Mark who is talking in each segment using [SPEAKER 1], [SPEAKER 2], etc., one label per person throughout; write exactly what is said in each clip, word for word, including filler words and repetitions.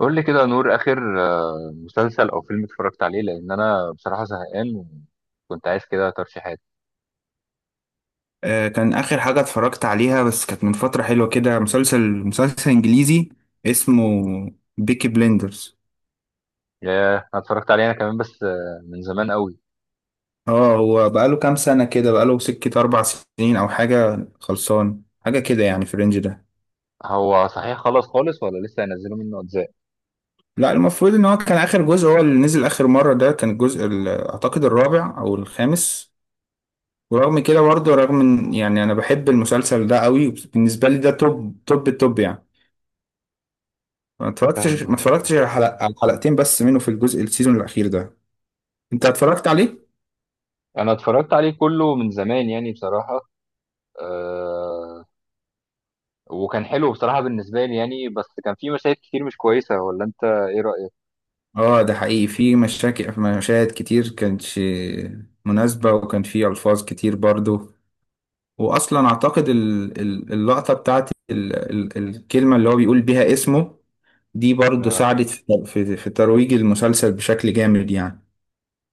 [SPEAKER 1] قول لي كده يا نور اخر. آه، مسلسل او فيلم اتفرجت عليه لان انا بصراحه زهقان، وكنت عايز كده ترشيحات.
[SPEAKER 2] آه، كان آخر حاجة اتفرجت عليها، بس كانت من فترة حلوة كده. مسلسل مسلسل إنجليزي اسمه بيكي بليندرز.
[SPEAKER 1] ياه، انا اتفرجت عليه انا كمان بس آه، من زمان قوي.
[SPEAKER 2] اه هو بقاله كام سنة كده، بقاله سكة أربع سنين أو حاجة، خلصان حاجة كده يعني، في الرينج ده.
[SPEAKER 1] هو صحيح خلص خالص ولا لسه هينزلوا منه اجزاء؟
[SPEAKER 2] لا، المفروض إن هو كان آخر جزء هو اللي نزل آخر مرة، ده كان الجزء ال- أعتقد الرابع أو الخامس. ورغم كده برضه، رغم إن يعني أنا بحب المسلسل ده قوي، بالنسبة لي ده توب توب التوب يعني. ما
[SPEAKER 1] فاهم
[SPEAKER 2] اتفرجتش ما
[SPEAKER 1] قصدك، آه.
[SPEAKER 2] اتفرجتش على حلق- على حلقتين بس منه في الجزء السيزون الأخير ده. انت اتفرجت عليه؟
[SPEAKER 1] انا اتفرجت عليه كله من زمان يعني بصراحه. أه. وكان حلو بصراحه بالنسبه لي يعني، بس كان في مشاهد كتير مش كويسه، ولا انت ايه رايك؟
[SPEAKER 2] اه ده حقيقي، في مشاكل، في مشاهد كتير كانتش مناسبة، وكان في ألفاظ كتير برضو. وأصلا أعتقد ال- ال- اللقطة بتاعت ال- ال- الكلمة اللي هو بيقول بيها اسمه دي، برضو
[SPEAKER 1] آه.
[SPEAKER 2] ساعدت في في في ترويج المسلسل بشكل جامد يعني.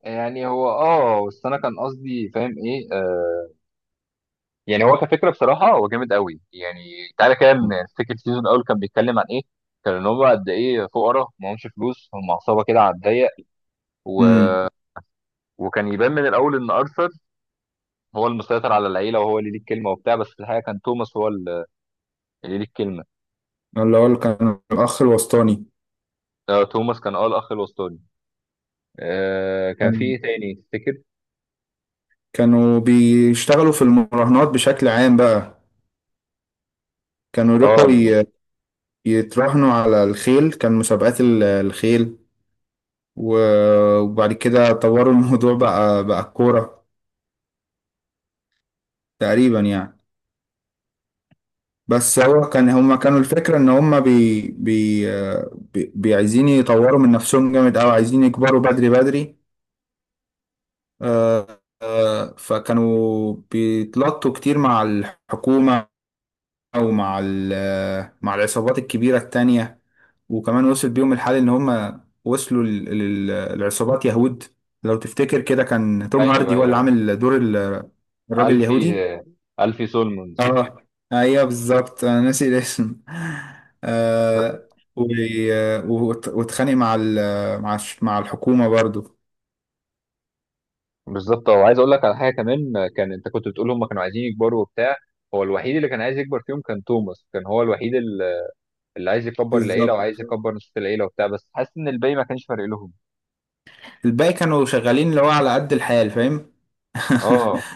[SPEAKER 1] يعني هو اه بس انا كان قصدي فاهم ايه، آه. يعني هو كفكره بصراحه هو جامد قوي يعني، تعالى كده من فكره السيزون الاول، كان بيتكلم عن ايه؟ كان ان هم قد ايه فقراء معهمش فلوس، هم عصابه كده على الضيق و...
[SPEAKER 2] امم.
[SPEAKER 1] وكان يبان من الاول ان ارثر هو المسيطر على العيله، وهو اللي ليه الكلمه وبتاع، بس في الحقيقه كان توماس هو اللي ليه الكلمه.
[SPEAKER 2] اللي هو اللي كان الأخ الوسطاني.
[SPEAKER 1] آه، توماس كان اه الاخ الوسطاني. آه، كان في ايه تاني تفتكر؟
[SPEAKER 2] كانوا بيشتغلوا في المراهنات بشكل عام بقى، كانوا
[SPEAKER 1] اه
[SPEAKER 2] يروحوا
[SPEAKER 1] ال-
[SPEAKER 2] ي- يتراهنوا على الخيل، كان مسابقات ال- الخيل. و- وبعد كده طوروا الموضوع بقى بقى الكورة تقريبا يعني. بس هو كان هما كانوا، الفكرة ان هما بي بي آه، بي بي- عايزين يطوروا من نفسهم جامد اوي، عايزين يكبروا بدري بدري. آه، آه، فكانوا بيتلطوا كتير مع الحكومة، او مع ال- آه، مع العصابات الكبيرة التانية. وكمان وصل بيهم الحال ان هما وصلوا للعصابات يهود. لو تفتكر كده، كان توم
[SPEAKER 1] ايوه
[SPEAKER 2] هاردي هو اللي
[SPEAKER 1] ايوه.
[SPEAKER 2] عامل دور ال- الراجل
[SPEAKER 1] الفي
[SPEAKER 2] اليهودي.
[SPEAKER 1] آه، الفي سولمونز.
[SPEAKER 2] اه، ايوه بالظبط، انا ناسي الاسم. آه و... آه، وت- واتخانق مع ال... مع الش- مع الحكومة برضو.
[SPEAKER 1] بالظبط، وعايز اقول لك على حاجه كمان. كان انت كنت بتقول هم كانوا عايزين يكبروا وبتاع، هو الوحيد اللي كان عايز يكبر فيهم كان توماس، كان هو الوحيد ال- اللي عايز يكبر العيله
[SPEAKER 2] بالظبط،
[SPEAKER 1] وعايز يكبر نص العيله وبتاع، بس حاسس ان الباقي ما كانش فارق لهم.
[SPEAKER 2] الباقي كانوا شغالين اللي هو على قد الحال، فاهم.
[SPEAKER 1] اه.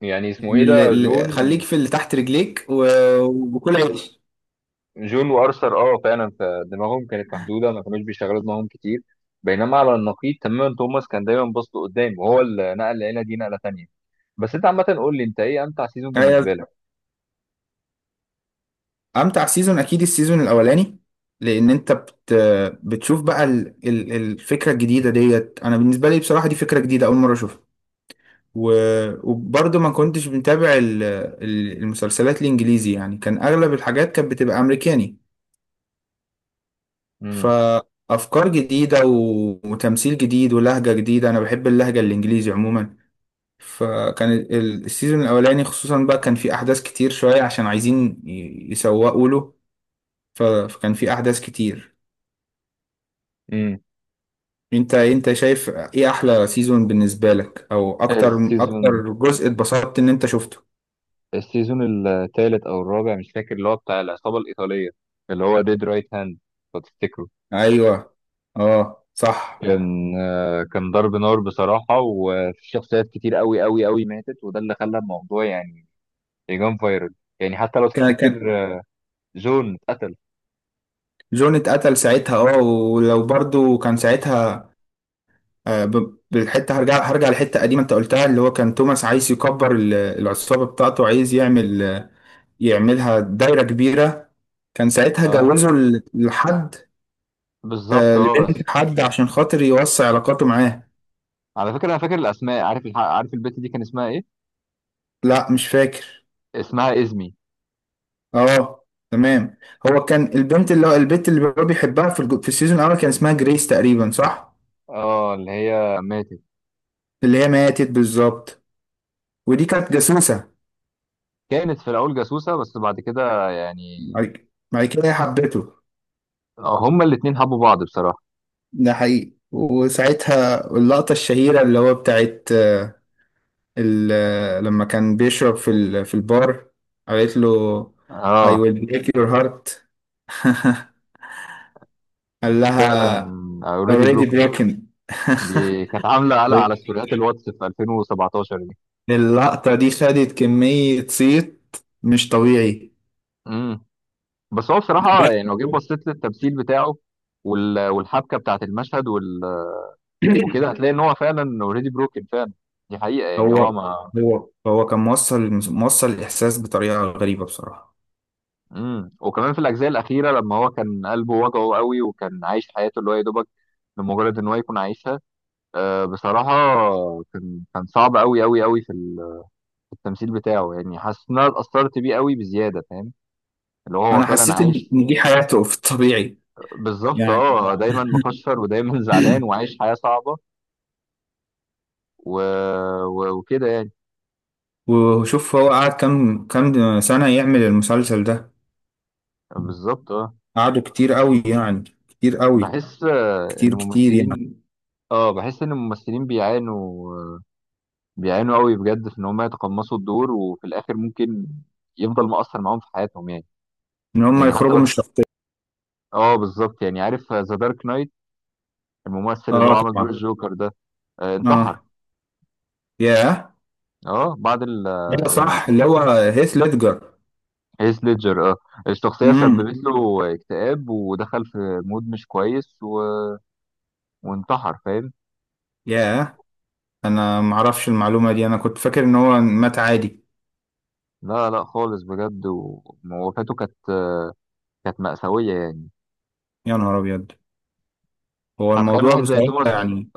[SPEAKER 1] يعني اسمه ايه
[SPEAKER 2] اللي...
[SPEAKER 1] ده،
[SPEAKER 2] اللي-
[SPEAKER 1] جون؟
[SPEAKER 2] خليك في اللي تحت رجليك و... وكل عيش.
[SPEAKER 1] جون وارثر، اه فعلا. فدماغهم كانت محدوده، ما كانوش بيشغلوا دماغهم كتير. بينما على النقيض تماما توماس كان دايما باص لقدام، وهو اللي نقل العيله دي نقله تانيه. بس انت عامه قول لي انت ايه امتع سيزون
[SPEAKER 2] أيوة.
[SPEAKER 1] بالنسبه لك؟
[SPEAKER 2] امتع سيزون اكيد السيزون الاولاني، لان انت بت... بتشوف بقى ال... ال- الفكرة الجديدة ديت. انا بالنسبة لي بصراحة دي فكرة جديدة، اول مرة اشوفها. و- وبرضه ما كنتش متابع ال- ال- المسلسلات الانجليزي يعني، كان اغلب الحاجات كانت بتبقى امريكاني.
[SPEAKER 1] امم.
[SPEAKER 2] فافكار جديده و- وتمثيل جديد ولهجه جديده، انا بحب اللهجه الانجليزي عموما. فكان ال- ال- السيزون الاولاني خصوصا بقى، كان في احداث كتير شويه عشان عايزين ي- يسوقوا له، ف- فكان في احداث كتير.
[SPEAKER 1] امم.
[SPEAKER 2] انت انت شايف ايه احلى سيزون بالنسبه لك، او اكتر اكتر
[SPEAKER 1] السيزون
[SPEAKER 2] جزء اتبسطت ان انت شفته؟
[SPEAKER 1] السيزون الثالث او الرابع مش فاكر، اللي هو بتاع العصابه الايطاليه، اللي هو ديد رايت هاند، لو تفتكره.
[SPEAKER 2] ايوه، اه صح.
[SPEAKER 1] كان آه، كان ضرب نار بصراحه، وفي شخصيات كتير قوي قوي قوي ماتت، وده اللي خلى الموضوع يعني يجان فايرال. يعني حتى لو
[SPEAKER 2] كان كان
[SPEAKER 1] تفتكر، آه، جون اتقتل.
[SPEAKER 2] جون اتقتل ساعتها، اه. ولو برضو كان ساعتها، آه، ب- بالحته، هرجع هرجع لحته قديمه انت قلتها، اللي هو كان توماس عايز يكبر ال- العصابه بتاعته، عايز يعمل، يعملها دايره كبيره. كان ساعتها
[SPEAKER 1] اه
[SPEAKER 2] جوزه ل- لحد،
[SPEAKER 1] بالظبط،
[SPEAKER 2] آه،
[SPEAKER 1] اه بس.
[SPEAKER 2] لبنت حد عشان خاطر يوسع علاقاته معاه.
[SPEAKER 1] على فكره انا فاكر الاسماء، عارف الح- عارف البت دي كان اسمها ايه؟
[SPEAKER 2] لا، مش فاكر.
[SPEAKER 1] اسمها ازمي.
[SPEAKER 2] اه، تمام. هو كان البنت اللي هو البنت اللي هو بيحبها في الج- في السيزون الاول كان اسمها جريس تقريبا، صح؟
[SPEAKER 1] اه اللي هي ماتت.
[SPEAKER 2] اللي هي ماتت، بالظبط. ودي كانت جاسوسه.
[SPEAKER 1] كانت في الاول جاسوسه بس بعد كده يعني،
[SPEAKER 2] بعد بعد كده هي حبته.
[SPEAKER 1] آه، هما الاتنين حبوا بعض بصراحه.
[SPEAKER 2] ده حقيقي. وساعتها اللقطة الشهيرة اللي هو بتاعت آه، ال- آه، لما كان بيشرب في ال- في البار، قالت له: I
[SPEAKER 1] اه
[SPEAKER 2] will break your heart. قال
[SPEAKER 1] فعلا،
[SPEAKER 2] لها:
[SPEAKER 1] اوريدي
[SPEAKER 2] already
[SPEAKER 1] بروكن.
[SPEAKER 2] broken.
[SPEAKER 1] دي كانت عامله قلق على ستوريات الواتس في ألفين وسبعتاشر دي.
[SPEAKER 2] اللقطة دي خدت كمية صيت مش طبيعي.
[SPEAKER 1] امم. بس هو بصراحه يعني لو جيت بصيت للتمثيل بتاعه، وال- والحبكه بتاعت المشهد وال... وكده هتلاقي ان هو فعلا اوريدي بروكن فعلا. دي حقيقه يعني هو
[SPEAKER 2] هو
[SPEAKER 1] ما...
[SPEAKER 2] هو هو كان موصل موصل الإحساس بطريقة غريبة بصراحة.
[SPEAKER 1] امم. وكمان في الاجزاء الاخيره لما هو كان قلبه وجعه قوي، وكان عايش حياته اللي هو يا دوبك لمجرد ان هو يكون عايشها، آه، بصراحه. كان كان صعب قوي قوي قوي في ال- في التمثيل بتاعه، يعني حاسس ان انا اتاثرت بيه قوي بزياده، فاهم، اللي هو هو
[SPEAKER 2] أنا
[SPEAKER 1] فعلا
[SPEAKER 2] حسيت إن
[SPEAKER 1] عايش.
[SPEAKER 2] إن دي حياته في الطبيعي
[SPEAKER 1] بالظبط،
[SPEAKER 2] يعني.
[SPEAKER 1] اه. دايما مكشر، ودايما زعلان وعايش حياة صعبة و... و... وكده يعني.
[SPEAKER 2] وشوف هو قعد كام كام سنة يعمل المسلسل ده.
[SPEAKER 1] بالظبط، اه.
[SPEAKER 2] قعدوا كتير قوي يعني، كتير قوي،
[SPEAKER 1] بحس آه، ان
[SPEAKER 2] كتير كتير يعني.
[SPEAKER 1] الممثلين، اه بحس ان الممثلين بيعانوا، بيعانوا قوي بجد في ان هم يتقمصوا الدور، وفي الاخر ممكن يفضل مؤثر معاهم في حياتهم يعني.
[SPEAKER 2] ان هم
[SPEAKER 1] يعني حتى
[SPEAKER 2] يخرجوا من
[SPEAKER 1] بس
[SPEAKER 2] الشخصية.
[SPEAKER 1] اه بالظبط. يعني عارف ذا دارك نايت، الممثل اللي هو
[SPEAKER 2] اه،
[SPEAKER 1] عمل دور
[SPEAKER 2] طبعا.
[SPEAKER 1] الجوكر ده، آه، انتحر.
[SPEAKER 2] اه، ياه.
[SPEAKER 1] اه بعد ال...
[SPEAKER 2] ده
[SPEAKER 1] يعني
[SPEAKER 2] صح، اللي هو هيث ليدجر.
[SPEAKER 1] هيث ليدجر، اه. الشخصية
[SPEAKER 2] امم.
[SPEAKER 1] سببت له اكتئاب، ودخل في مود مش كويس و... وانتحر، فاهم.
[SPEAKER 2] ياه، انا معرفش المعلومة دي، انا كنت فاكر ان هو مات عادي.
[SPEAKER 1] لا لا خالص، بجد. و- ووفاته كانت، كانت مأساوية يعني.
[SPEAKER 2] يا نهار ابيض. هو
[SPEAKER 1] فتخيل
[SPEAKER 2] الموضوع
[SPEAKER 1] واحد زي
[SPEAKER 2] بصراحة
[SPEAKER 1] توماس،
[SPEAKER 2] يعني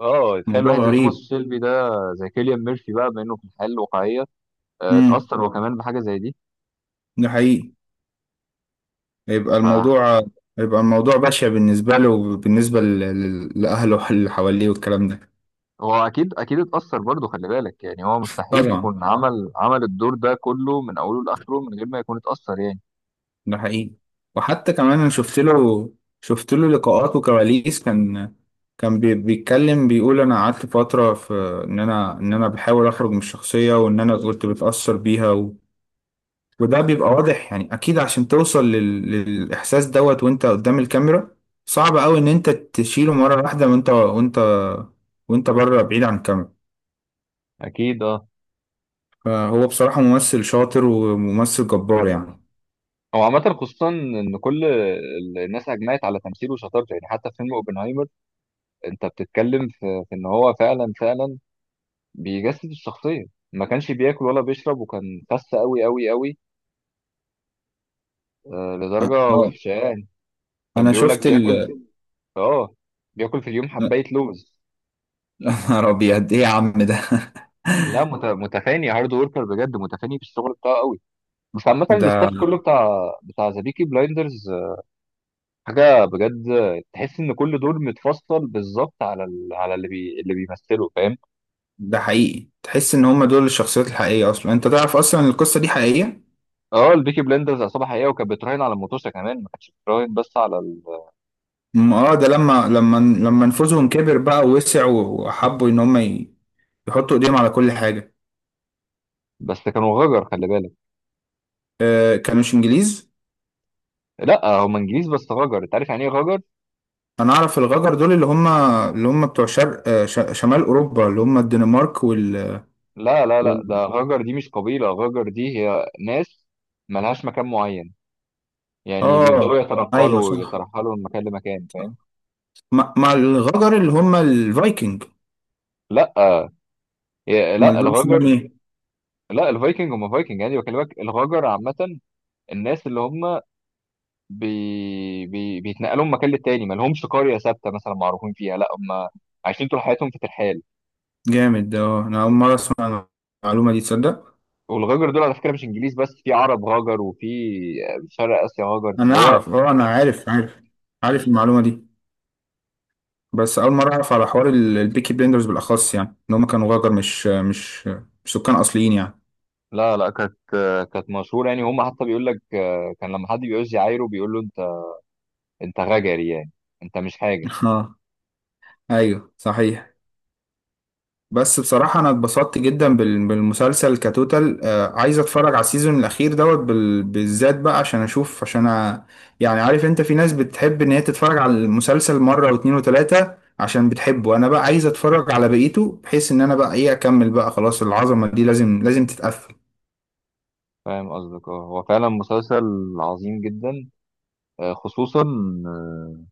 [SPEAKER 1] اه تخيل
[SPEAKER 2] موضوع
[SPEAKER 1] واحد زي توماس
[SPEAKER 2] غريب.
[SPEAKER 1] شيلبي ده، زي كيليان ميرفي بقى بما انه في الحياة الواقعية، آه،
[SPEAKER 2] امم.
[SPEAKER 1] اتأثر هو كمان بحاجة زي دي.
[SPEAKER 2] ده حقيقي. يبقى
[SPEAKER 1] فهو
[SPEAKER 2] الموضوع يبقى الموضوع بشع بالنسبة له وبالنسبة ل- ل- لأهله اللي حواليه والكلام ده.
[SPEAKER 1] أكيد أكيد اتأثر برضه، خلي بالك يعني هو مستحيل
[SPEAKER 2] طبعا،
[SPEAKER 1] يكون عمل عمل الدور ده كله من أوله لآخره من غير ما يكون اتأثر يعني.
[SPEAKER 2] ده حقيقي. وحتى كمان انا شفت له شفت له لقاءات وكواليس. كان كان بي- بيتكلم، بيقول انا قعدت فترة في ان انا ان انا بحاول اخرج من الشخصية، وان انا كنت بتأثر بيها. و... وده بيبقى واضح يعني، اكيد عشان توصل لل... للاحساس دوت وانت قدام الكاميرا. صعب قوي ان انت تشيله مرة واحدة وانت وانت وانت بره بعيد عن الكاميرا.
[SPEAKER 1] أكيد اه.
[SPEAKER 2] فهو بصراحة ممثل شاطر وممثل جبار يعني.
[SPEAKER 1] هو عامة خصوصا إن كل ال- الناس أجمعت على تمثيله وشطارته، يعني حتى في فيلم أوبنهايمر أنت بتتكلم في، في إن هو فعلا فعلا بيجسد الشخصية. ما كانش بياكل ولا بيشرب، وكان خس أوي أوي أوي، آه لدرجة
[SPEAKER 2] اه،
[SPEAKER 1] وحشة يعني. كان
[SPEAKER 2] انا
[SPEAKER 1] بيقول لك
[SPEAKER 2] شفت ال...
[SPEAKER 1] بياكل في، آه، بياكل في اليوم حباية لوز.
[SPEAKER 2] يا نهار ابيض، ايه يا عم ده.
[SPEAKER 1] لا مت- متفاني، هارد وركر بجد، متفاني في الشغل بتاعه أوي. بس عامة الاستاف
[SPEAKER 2] ده
[SPEAKER 1] كله بتاع بتاع ذا بيكي بلايندرز حاجة بجد. تحس إن كل دور متفصل بالظبط على ال... على اللي بي... اللي بيمثله، فاهم.
[SPEAKER 2] ده حقيقي، تحس ان هم دول الشخصيات الحقيقيه، اصلا انت تعرف اصلا إن القصه دي حقيقيه.
[SPEAKER 1] اه البيكي بلندرز عصابه حقيقيه، وكانت بتراهن على المطوشه كمان، ما كانتش بتراهن بس على ال...
[SPEAKER 2] أم اه، ده لما لما لما نفوذهم كبر بقى ووسع، وحبوا ان هم ي- يحطوا ايديهم على كل حاجه.
[SPEAKER 1] بس كانوا غجر خلي بالك.
[SPEAKER 2] آه، كانوش انجليز.
[SPEAKER 1] لا هم انجليز بس غجر، انت عارف يعني ايه غجر؟
[SPEAKER 2] انا اعرف الغجر دول، اللي هم اللي هم بتوع شرق، آه ش- شمال اوروبا، اللي هم الدنمارك وال,
[SPEAKER 1] لا لا لا،
[SPEAKER 2] وال...
[SPEAKER 1] ده غجر دي مش قبيله، غجر دي هي ناس ملهاش مكان معين، يعني بيفضلوا
[SPEAKER 2] اه، ايوه،
[SPEAKER 1] يتنقلوا
[SPEAKER 2] صح،
[SPEAKER 1] ويترحلوا من مكان لمكان،
[SPEAKER 2] صح.
[SPEAKER 1] فاهم.
[SPEAKER 2] مع مع الغجر اللي هم الفايكنج.
[SPEAKER 1] لا يا-
[SPEAKER 2] امال
[SPEAKER 1] لا
[SPEAKER 2] دول اسمهم
[SPEAKER 1] الغجر...
[SPEAKER 2] ايه؟
[SPEAKER 1] لا الفايكنج هم فايكنج، يعني بكلمك الغجر عامه الناس اللي هم بي... بي... بيتنقلوا من مكان للتاني، ما لهمش قريه ثابته مثلا معروفين فيها، لا هم عايشين طول حياتهم في ترحال.
[SPEAKER 2] جامد ده، اه، انا اول مره اسمع المعلومه دي، تصدق؟
[SPEAKER 1] والغجر دول على فكره مش انجليز بس، في عرب غجر، وفي شرق اسيا غجر،
[SPEAKER 2] انا
[SPEAKER 1] اللي هو...
[SPEAKER 2] اعرف اه انا عارف عارف عارف المعلومه دي. بس اول مره اعرف على حوار ال- البيكي بليندرز بالاخص، يعني ان هم كانوا غجر مش مش مش سكان اصليين يعني.
[SPEAKER 1] لا لا، كانت كانت مشهوره يعني، هم حتى بيقول لك كان لما حد بيعوز يعايره بيقول له انت، انت غجري يعني، انت مش حاجه.
[SPEAKER 2] اه، ايوه صحيح. بس بصراحة أنا اتبسطت جدا بال- بالمسلسل كتوتال. آه، عايز أتفرج على السيزون الأخير دوت بال- بالذات بقى، عشان أشوف، عشان أ... يعني عارف أنت في ناس بتحب إن هي تتفرج على المسلسل مرة واتنين وتلاتة عشان بتحبه. أنا بقى عايز أتفرج على بقيته، بحيث إن أنا بقى إيه أكمل بقى خلاص، العظمة دي لازم لازم تتقفل.
[SPEAKER 1] فاهم قصدك، اه هو فعلا مسلسل عظيم جدا، آه، خصوصا آه،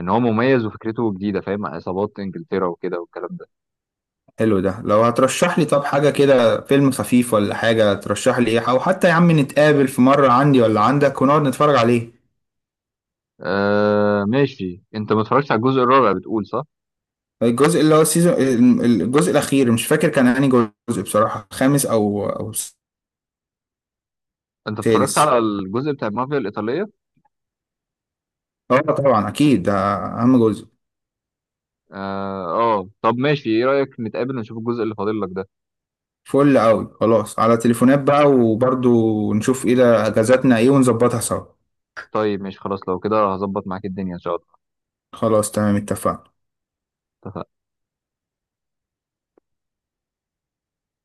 [SPEAKER 1] ان هو مميز وفكرته جديده، فاهم، عن عصابات انجلترا وكده والكلام ده.
[SPEAKER 2] حلو ده. لو هترشح لي طب حاجة كده، فيلم خفيف ولا حاجة، ترشح لي إيه؟ أو حتى يا عم نتقابل في مرة عندي ولا عندك ونقعد نتفرج عليه.
[SPEAKER 1] آه ماشي، انت ما اتفرجتش على الجزء الرابع بتقول، صح؟
[SPEAKER 2] الجزء اللي هو السيزون، الجزء الأخير مش فاكر كان أنهي جزء بصراحة، خامس أو أو
[SPEAKER 1] انت اتفرجت
[SPEAKER 2] سادس.
[SPEAKER 1] على الجزء بتاع المافيا الايطاليه؟
[SPEAKER 2] اه، طبعا، أكيد ده أهم جزء.
[SPEAKER 1] اه آه. طب ماشي، ايه رأيك نتقابل ونشوف الجزء اللي فاضل لك ده؟
[SPEAKER 2] فل أوي خلاص، على تليفونات بقى، وبرضو نشوف ايه ده أجازاتنا ايه ونظبطها سوا.
[SPEAKER 1] طيب ماشي خلاص، لو كده هظبط معاك الدنيا ان شاء الله.
[SPEAKER 2] خلاص، تمام، اتفقنا.
[SPEAKER 1] اتفقنا.